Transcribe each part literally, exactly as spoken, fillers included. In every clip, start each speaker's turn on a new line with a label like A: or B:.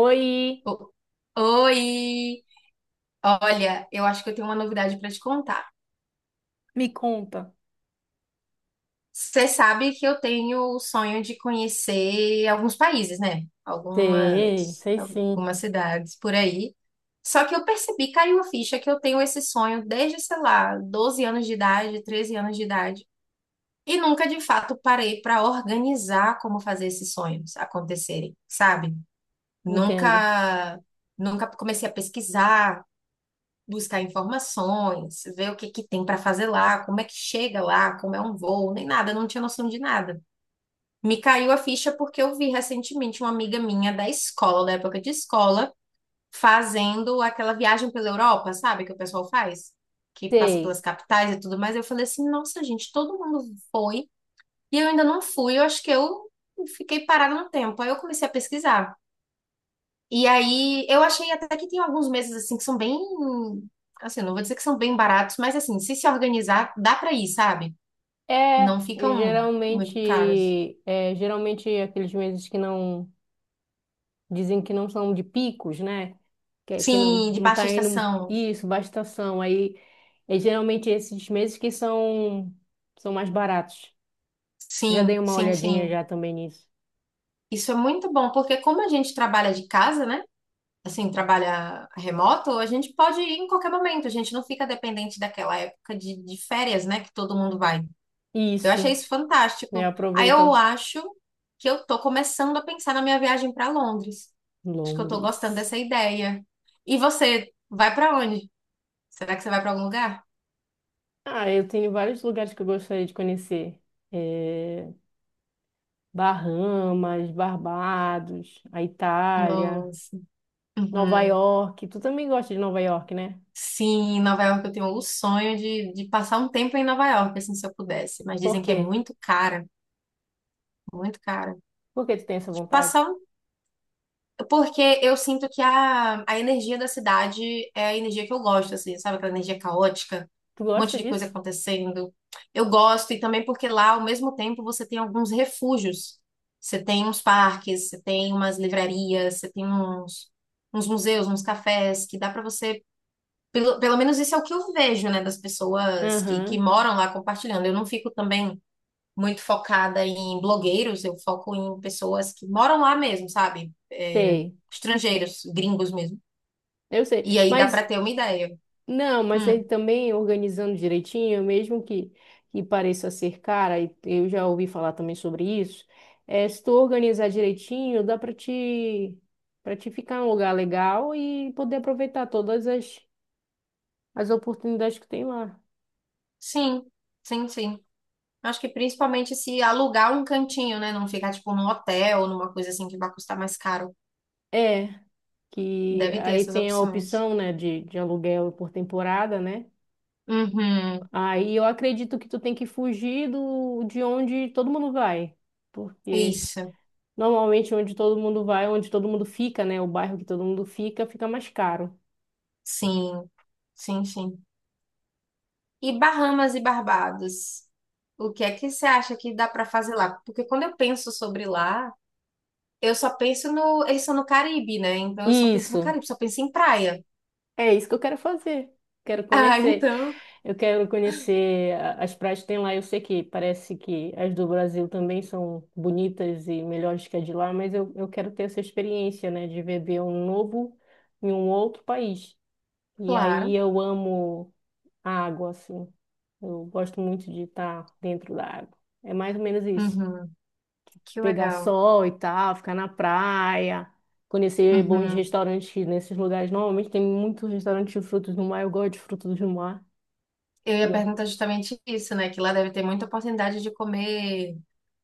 A: Oi.
B: O- Oi! Olha, eu acho que eu tenho uma novidade para te contar.
A: Me conta.
B: Você sabe que eu tenho o sonho de conhecer alguns países, né?
A: Sei,
B: Algumas,
A: sei sim.
B: algumas cidades por aí. Só que eu percebi, caiu a ficha, que eu tenho esse sonho desde, sei lá, doze anos de idade, treze anos de idade. E nunca, de fato, parei para organizar como fazer esses sonhos acontecerem, sabe?
A: Entendo.
B: Nunca, nunca comecei a pesquisar, buscar informações, ver o que que tem para fazer lá, como é que chega lá, como é um voo, nem nada, eu não tinha noção de nada. Me caiu a ficha porque eu vi recentemente uma amiga minha da escola, da época de escola, fazendo aquela viagem pela Europa, sabe, que o pessoal faz, que passa pelas
A: Sei.
B: capitais e tudo mais. Eu falei assim: nossa, gente, todo mundo foi e eu ainda não fui, eu acho que eu fiquei parada no tempo. Aí eu comecei a pesquisar. E aí, eu achei até que tem alguns meses assim que são bem, assim, não vou dizer que são bem baratos, mas assim, se se organizar, dá pra ir, sabe?
A: É,
B: Não ficam muito caros.
A: geralmente, é, geralmente aqueles meses que não dizem que não são de picos, né? Que, que não
B: Sim, de
A: não
B: baixa
A: tá indo
B: estação.
A: isso, baixa estação. Aí é geralmente esses meses que são são mais baratos. Já
B: Sim,
A: dei uma
B: sim,
A: olhadinha
B: sim.
A: já também nisso.
B: Isso é muito bom, porque como a gente trabalha de casa, né? Assim, trabalha remoto, a gente pode ir em qualquer momento, a gente não fica dependente daquela época de, de férias, né? Que todo mundo vai. Eu achei
A: Isso,
B: isso
A: né?
B: fantástico. Aí eu
A: Aproveita.
B: acho que eu tô começando a pensar na minha viagem para Londres. Acho que eu tô gostando dessa
A: Londres.
B: ideia. E você vai para onde? Será que você vai para algum lugar?
A: Ah, eu tenho vários lugares que eu gostaria de conhecer. É, Bahamas, Barbados, a Itália,
B: Nossa.
A: Nova
B: Uhum.
A: York. Tu também gosta de Nova York, né?
B: Sim, Nova York eu tenho o sonho de, de passar um tempo em Nova York, assim, se eu pudesse. Mas
A: Por
B: dizem que é
A: quê?
B: muito cara, muito cara.
A: Por que tu tem essa
B: Tipo,
A: vontade?
B: Passar porque eu sinto que a, a energia da cidade é a energia que eu gosto, assim, sabe? Aquela energia caótica,
A: Tu
B: um monte
A: gosta
B: de coisa
A: disso?
B: acontecendo. Eu gosto, e também porque lá, ao mesmo tempo, você tem alguns refúgios. Você tem uns parques, você tem umas livrarias, você tem uns, uns museus, uns cafés, que dá pra você. Pelo, pelo menos isso é o que eu vejo, né, das pessoas que, que
A: Aham,
B: moram lá compartilhando. Eu não fico também muito focada em blogueiros, eu foco em pessoas que moram lá mesmo, sabe? É,
A: sei.
B: estrangeiros, gringos mesmo.
A: Eu sei.
B: E aí dá para
A: Mas,
B: ter uma ideia.
A: não, mas ele
B: Hum,
A: também organizando direitinho, mesmo que, que pareça ser cara, e eu já ouvi falar também sobre isso, é, se tu organizar direitinho, dá pra te, para te ficar em um lugar legal e poder aproveitar todas as, as oportunidades que tem lá.
B: sim, sim, sim. Acho que principalmente se alugar um cantinho, né? Não ficar tipo num hotel, numa coisa assim que vai custar mais caro.
A: É, que
B: Deve ter
A: aí
B: essas
A: tem a
B: opções.
A: opção, né, de, de aluguel por temporada, né?
B: Uhum,
A: Aí eu acredito que tu tem que fugir do, de onde todo mundo vai, porque
B: isso.
A: normalmente onde todo mundo vai, onde todo mundo fica, né, o bairro que todo mundo fica, fica mais caro.
B: Sim, sim, sim. E Bahamas e Barbados? O que é que você acha que dá para fazer lá? Porque quando eu penso sobre lá, eu só penso no. Eles são no Caribe, né? Então eu só penso no
A: Isso,
B: Caribe, só penso em praia.
A: é isso que eu quero fazer. Quero
B: Ah,
A: conhecer.
B: então,
A: Eu quero conhecer a- as praias que tem lá. Eu sei que parece que as do Brasil também são bonitas e melhores que as de lá, mas eu, eu quero ter essa experiência, né, de beber um novo em um outro país. E aí
B: claro.
A: eu amo a água, assim. Eu gosto muito de estar dentro da água. É mais ou menos isso.
B: Uhum, que
A: Pegar
B: legal.
A: sol e tal, ficar na praia, conhecer bons
B: Uhum.
A: restaurantes nesses lugares. Normalmente tem muitos restaurantes de frutos do mar. Eu gosto de frutos do mar.
B: Eu ia perguntar justamente isso, né? Que lá deve ter muita oportunidade de comer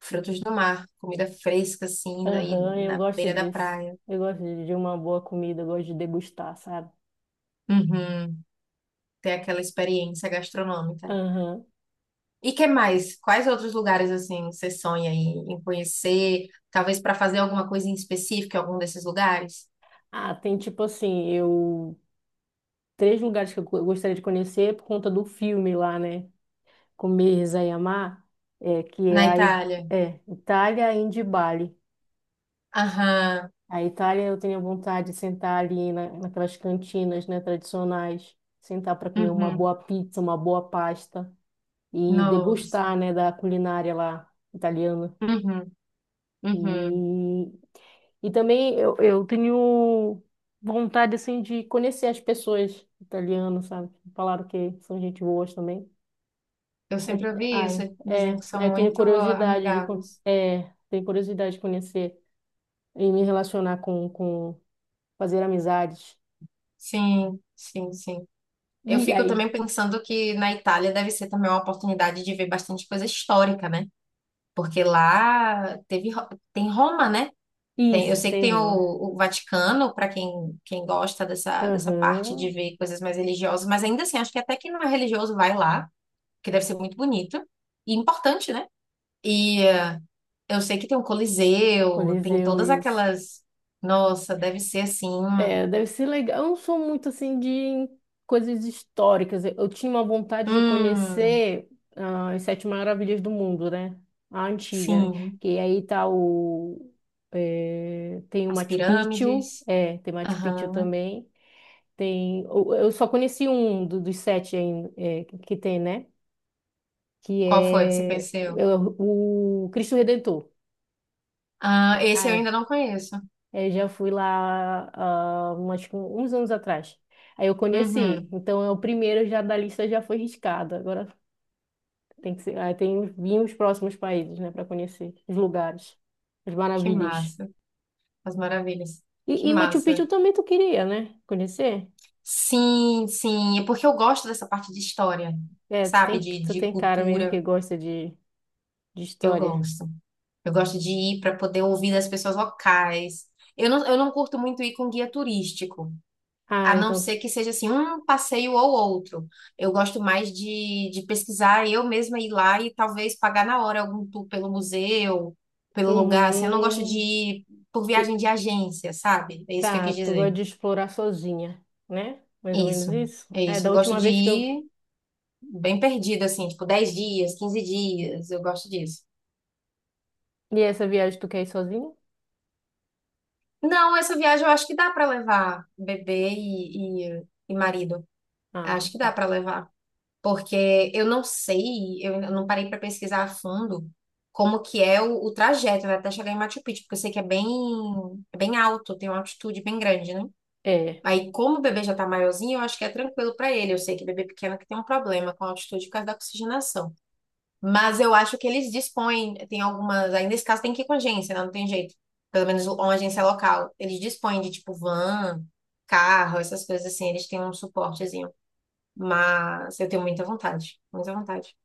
B: frutos do mar, comida fresca, assim, daí
A: Aham, eu
B: na
A: gosto
B: beira da
A: disso.
B: praia.
A: Eu gosto de de uma boa comida, eu gosto de degustar, sabe?
B: Uhum. Ter aquela experiência gastronômica.
A: Aham.
B: E que mais? Quais outros lugares, assim, você sonha em, em conhecer? Talvez para fazer alguma coisa em específico em algum desses lugares?
A: Ah, tem tipo assim, eu... Três lugares que eu go- gostaria de conhecer é por conta do filme lá, né? Com rezar e amar, é, que
B: Na
A: é a I-
B: Itália.
A: é, Itália, Índia e Bali.
B: Aham.
A: A Itália eu tenho vontade de sentar ali na, naquelas cantinas, né, tradicionais, sentar para comer uma
B: Uhum.
A: boa pizza, uma boa pasta e
B: Nossa.
A: degustar, né, da culinária lá italiana.
B: Uhum. Uhum.
A: E e também eu, eu tenho vontade, assim, de conhecer as pessoas italianas, sabe? Falaram que são gente boas também.
B: Eu
A: É,
B: sempre ouvi isso,
A: ai, é,
B: dizem que são
A: aí eu tenho
B: muito
A: curiosidade de, con-
B: amigáveis.
A: é, tenho curiosidade de conhecer e me relacionar com, com fazer amizades.
B: Sim, sim, sim. Eu
A: E
B: fico
A: aí,
B: também pensando que na Itália deve ser também uma oportunidade de ver bastante coisa histórica, né? Porque lá teve, Ro- tem Roma, né? Tem, eu
A: isso,
B: sei que
A: tem,
B: tem o,
A: razão, né?
B: o Vaticano, para quem, quem gosta dessa, dessa parte de
A: Aham.
B: ver coisas mais religiosas, mas ainda assim, acho que até quem não é religioso vai lá, que deve ser muito bonito e importante, né? E eh, eu sei que tem o Coliseu, tem
A: Coliseu,
B: todas
A: isso.
B: aquelas. Nossa, deve ser assim.
A: É, deve ser legal. Eu não sou muito assim de coisas históricas. Eu eu tinha uma vontade de
B: Hum,
A: conhecer ah, as Sete Maravilhas do Mundo, né? A antiga, né?
B: sim.
A: Que aí tá o. É, tem o
B: As
A: Machu Picchu,
B: pirâmides.
A: é, tem Machu Picchu
B: Aham.
A: também. Tem, eu eu só conheci um do- dos sete ainda, é, que tem, né? Que
B: Qual foi que você
A: é,
B: conheceu?
A: é o o Cristo Redentor.
B: Ah, esse eu ainda não conheço.
A: É, eu já fui lá, ah, umas- uns anos atrás. Aí eu conheci.
B: Uhum.
A: Então, é o primeiro já da lista já foi riscado. Agora tem que ser, aí tem vir os próximos países, né, para conhecer os lugares, as
B: Que
A: maravilhas.
B: massa. As maravilhas. Que
A: E, e Machu
B: massa.
A: Picchu também tu queria, né? Conhecer?
B: Sim, sim. É porque eu gosto dessa parte de história,
A: É, tu
B: sabe?
A: tem,
B: De,
A: tu
B: de
A: tem cara mesmo que
B: cultura.
A: gosta de, de
B: Eu
A: história.
B: gosto. Eu gosto de ir para poder ouvir das pessoas locais. Eu não, eu não curto muito ir com guia turístico.
A: Ah,
B: A não
A: então,
B: ser
A: tu...
B: que seja assim, um passeio ou outro. Eu gosto mais de, de pesquisar, eu mesma ir lá e talvez pagar na hora algum tour pelo museu, pelo lugar. Assim, eu não gosto de
A: Uhum.
B: ir por
A: E-
B: viagem de agência, sabe? É isso que eu
A: tá,
B: quis
A: tu gosta
B: dizer.
A: de explorar sozinha, né? Mais ou menos
B: Isso,
A: isso.
B: é
A: É,
B: isso.
A: da
B: Eu gosto
A: última
B: de
A: vez que eu.
B: ir bem perdida, assim, tipo dez dias, quinze dias. Eu gosto disso.
A: E essa viagem tu quer ir sozinha?
B: Não, essa viagem eu acho que dá para levar bebê e, e, e marido.
A: Ah,
B: Acho que dá
A: tá.
B: para levar, porque eu não sei, eu ainda não parei para pesquisar a fundo como que é o, o trajeto, né, até chegar em Machu Picchu, porque eu sei que é bem, é bem alto, tem uma altitude bem grande, né?
A: É.
B: Aí, como o bebê já tá maiorzinho, eu acho que é tranquilo para ele. Eu sei que bebê pequeno que tem um problema com a altitude por causa da oxigenação. Mas eu acho que eles dispõem, tem algumas, aí nesse caso tem que ir com agência, né? Não tem jeito. Pelo menos uma agência local. Eles dispõem de tipo van, carro, essas coisas assim, eles têm um suporte, mas eu tenho muita vontade, muita vontade.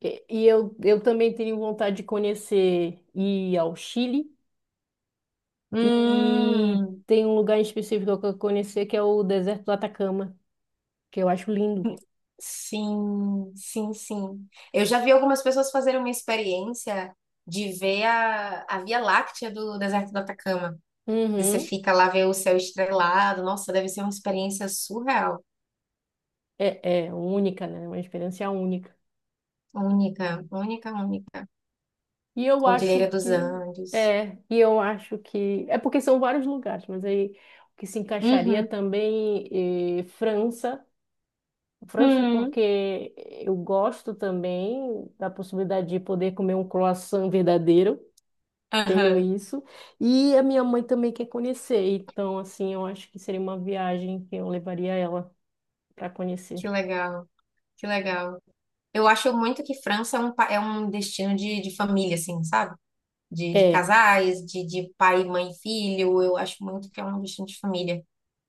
A: E e eu, eu também tenho vontade de conhecer ir ao Chile e
B: Hum,
A: tem um lugar em específico que eu quero conhecer que é o deserto do Atacama, que eu acho lindo.
B: sim, sim, sim. Eu já vi algumas pessoas fazerem uma experiência de ver a, a Via Láctea do deserto do Atacama. E você
A: Uhum.
B: fica lá, vê o céu estrelado. Nossa, deve ser uma experiência surreal.
A: É, é única, né? Uma experiência única.
B: Única, única, única.
A: E eu acho
B: Cordilheira dos
A: que
B: Andes.
A: é, e eu acho que é porque são vários lugares, mas aí o que se encaixaria
B: Uhum.
A: também eh, França. França,
B: Uhum.
A: porque eu gosto também da possibilidade de poder comer um croissant verdadeiro, tenho
B: Aham.
A: isso. E a minha mãe também quer conhecer, então, assim, eu acho que seria uma viagem que eu levaria ela para conhecer.
B: Que legal, que legal. Eu acho muito que França é um, pa- é um destino de, de família, assim, sabe? de, de
A: É,
B: casais, de, de pai, mãe, filho. Eu acho muito que é uma questão de família.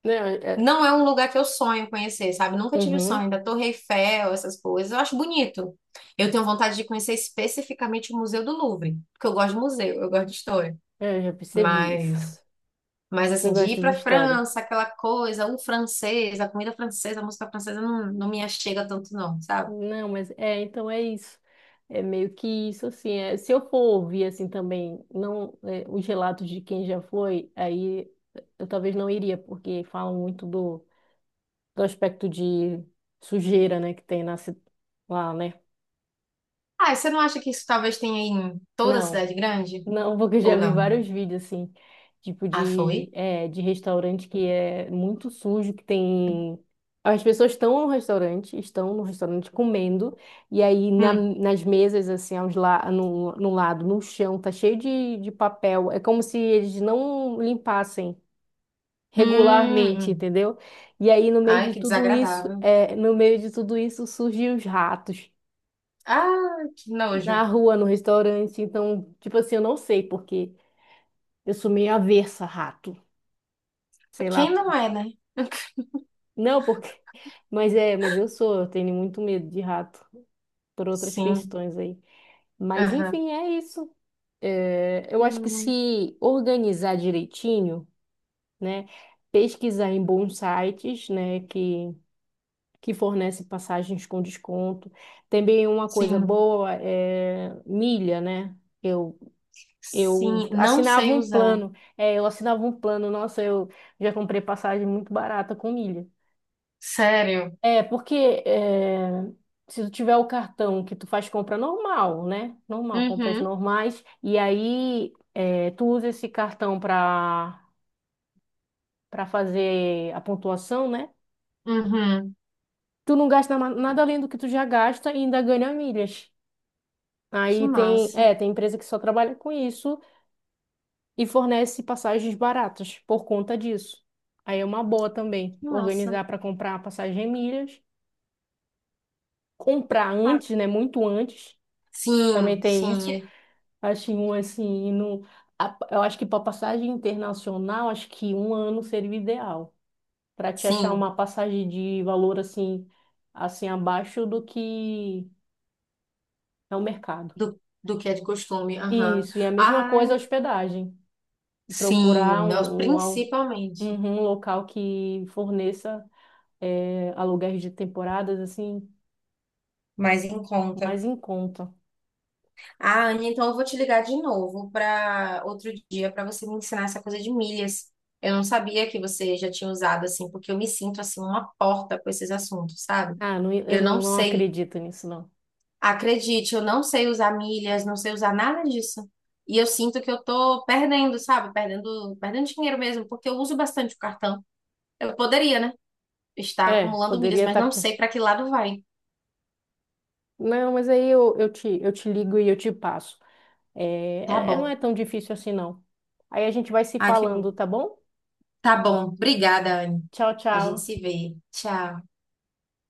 A: né? É,
B: Não é um lugar que eu sonho conhecer, sabe? Nunca tive o
A: uhum,
B: sonho da Torre Eiffel, essas coisas. Eu acho bonito. Eu tenho vontade de conhecer especificamente o Museu do Louvre, porque eu gosto de museu, eu gosto de história.
A: eu já percebi isso.
B: Mas, mas
A: Eu
B: assim, de ir
A: gosto de
B: para
A: história.
B: França, aquela coisa, o francês, a comida francesa, a música francesa, não, não me achega tanto, não, sabe?
A: Não, mas é, então é isso. É meio que isso, assim, é, se eu for ouvir, assim, também, não, é, os relatos de quem já foi, aí eu talvez não iria, porque falam muito do, do aspecto de sujeira, né, que tem na, ci- lá, né?
B: Ah, e você não acha que isso talvez tenha em toda a
A: Não.
B: cidade grande?
A: Não, porque eu já
B: Ou
A: vi
B: não?
A: vários vídeos assim, tipo
B: Ah,
A: de,
B: foi?
A: é, de restaurante que é muito sujo, que tem. As pessoas estão no restaurante, estão no restaurante comendo, e aí na-
B: Hum.
A: nas mesas, assim, aos la no, no lado, no chão, tá cheio de, de papel. É como se eles não limpassem
B: Hum,
A: regularmente,
B: hum.
A: entendeu? E aí no meio
B: Ai,
A: de
B: que
A: tudo isso,
B: desagradável.
A: é, no meio de tudo isso surgem os ratos
B: Ah, que nojo.
A: na rua, no restaurante. Então, tipo assim, eu não sei por quê. Eu sou meio avessa a rato. Sei
B: Quem
A: lá.
B: não é, né?
A: Não, porque. Mas é, mas eu sou, eu tenho muito medo de rato por outras
B: Sim.
A: questões aí. Mas
B: Aham.
A: enfim, é isso. É, eu acho que
B: Hum,
A: se organizar direitinho, né? Pesquisar em bons sites, né? Que, que fornecem passagens com desconto. Também uma coisa
B: sim.
A: boa é milha, né? Eu, eu
B: Sim. Não
A: assinava
B: sei
A: um
B: usar.
A: plano. É, eu assinava um plano. Nossa, eu já comprei passagem muito barata com milha.
B: Sério.
A: É, porque é, se tu tiver o cartão que tu faz compra normal, né? Normal, compras
B: Uhum.
A: normais, e aí é, tu usa esse cartão para para fazer a pontuação, né?
B: Uhum.
A: Tu não gasta ma- nada além do que tu já gasta e ainda ganha milhas.
B: Que
A: Aí tem, é,
B: massa.
A: tem empresa que só trabalha com isso e fornece passagens baratas por conta disso. Aí é uma boa também
B: Que massa.
A: organizar para comprar passagem em milhas, comprar
B: Ah,
A: antes, né? Muito antes.
B: sim,
A: Também tem
B: sim.
A: isso.
B: é-
A: Acho um assim, no, a- eu acho que para passagem internacional, acho que um ano seria o ideal. Para te achar
B: Sim.
A: uma passagem de valor assim, assim abaixo do que é o mercado.
B: Do, do que é de costume. Aham.
A: Isso, e a mesma
B: Ah,
A: coisa a hospedagem. Procurar
B: sim. nós-
A: um, um, al-
B: Principalmente.
A: uhum, um local que forneça eh, aluguéis de temporadas assim,
B: Mais em conta.
A: mais em conta.
B: Ah, Anne, então eu vou te ligar de novo para outro dia para você me ensinar essa coisa de milhas. Eu não sabia que você já tinha usado assim, porque eu me sinto assim uma porta com esses assuntos, sabe?
A: Ah, não, eu
B: Eu
A: não,
B: não
A: não
B: sei,
A: acredito nisso, não.
B: acredite, eu não sei usar milhas, não sei usar nada disso. E eu sinto que eu tô perdendo, sabe? Perdendo, perdendo dinheiro mesmo, porque eu uso bastante o cartão. Eu poderia, né? Estar
A: É,
B: acumulando milhas,
A: poderia
B: mas
A: estar
B: não
A: com.
B: sei para que lado vai.
A: Não, mas aí eu, eu te, eu te ligo e eu te passo.
B: Tá
A: É, é- não
B: bom.
A: é tão difícil assim, não. Aí a gente vai se
B: Ah, que bom.
A: falando, tá bom?
B: Tá bom. Obrigada, Anne.
A: Tchau,
B: A gente
A: tchau.
B: se vê. Tchau.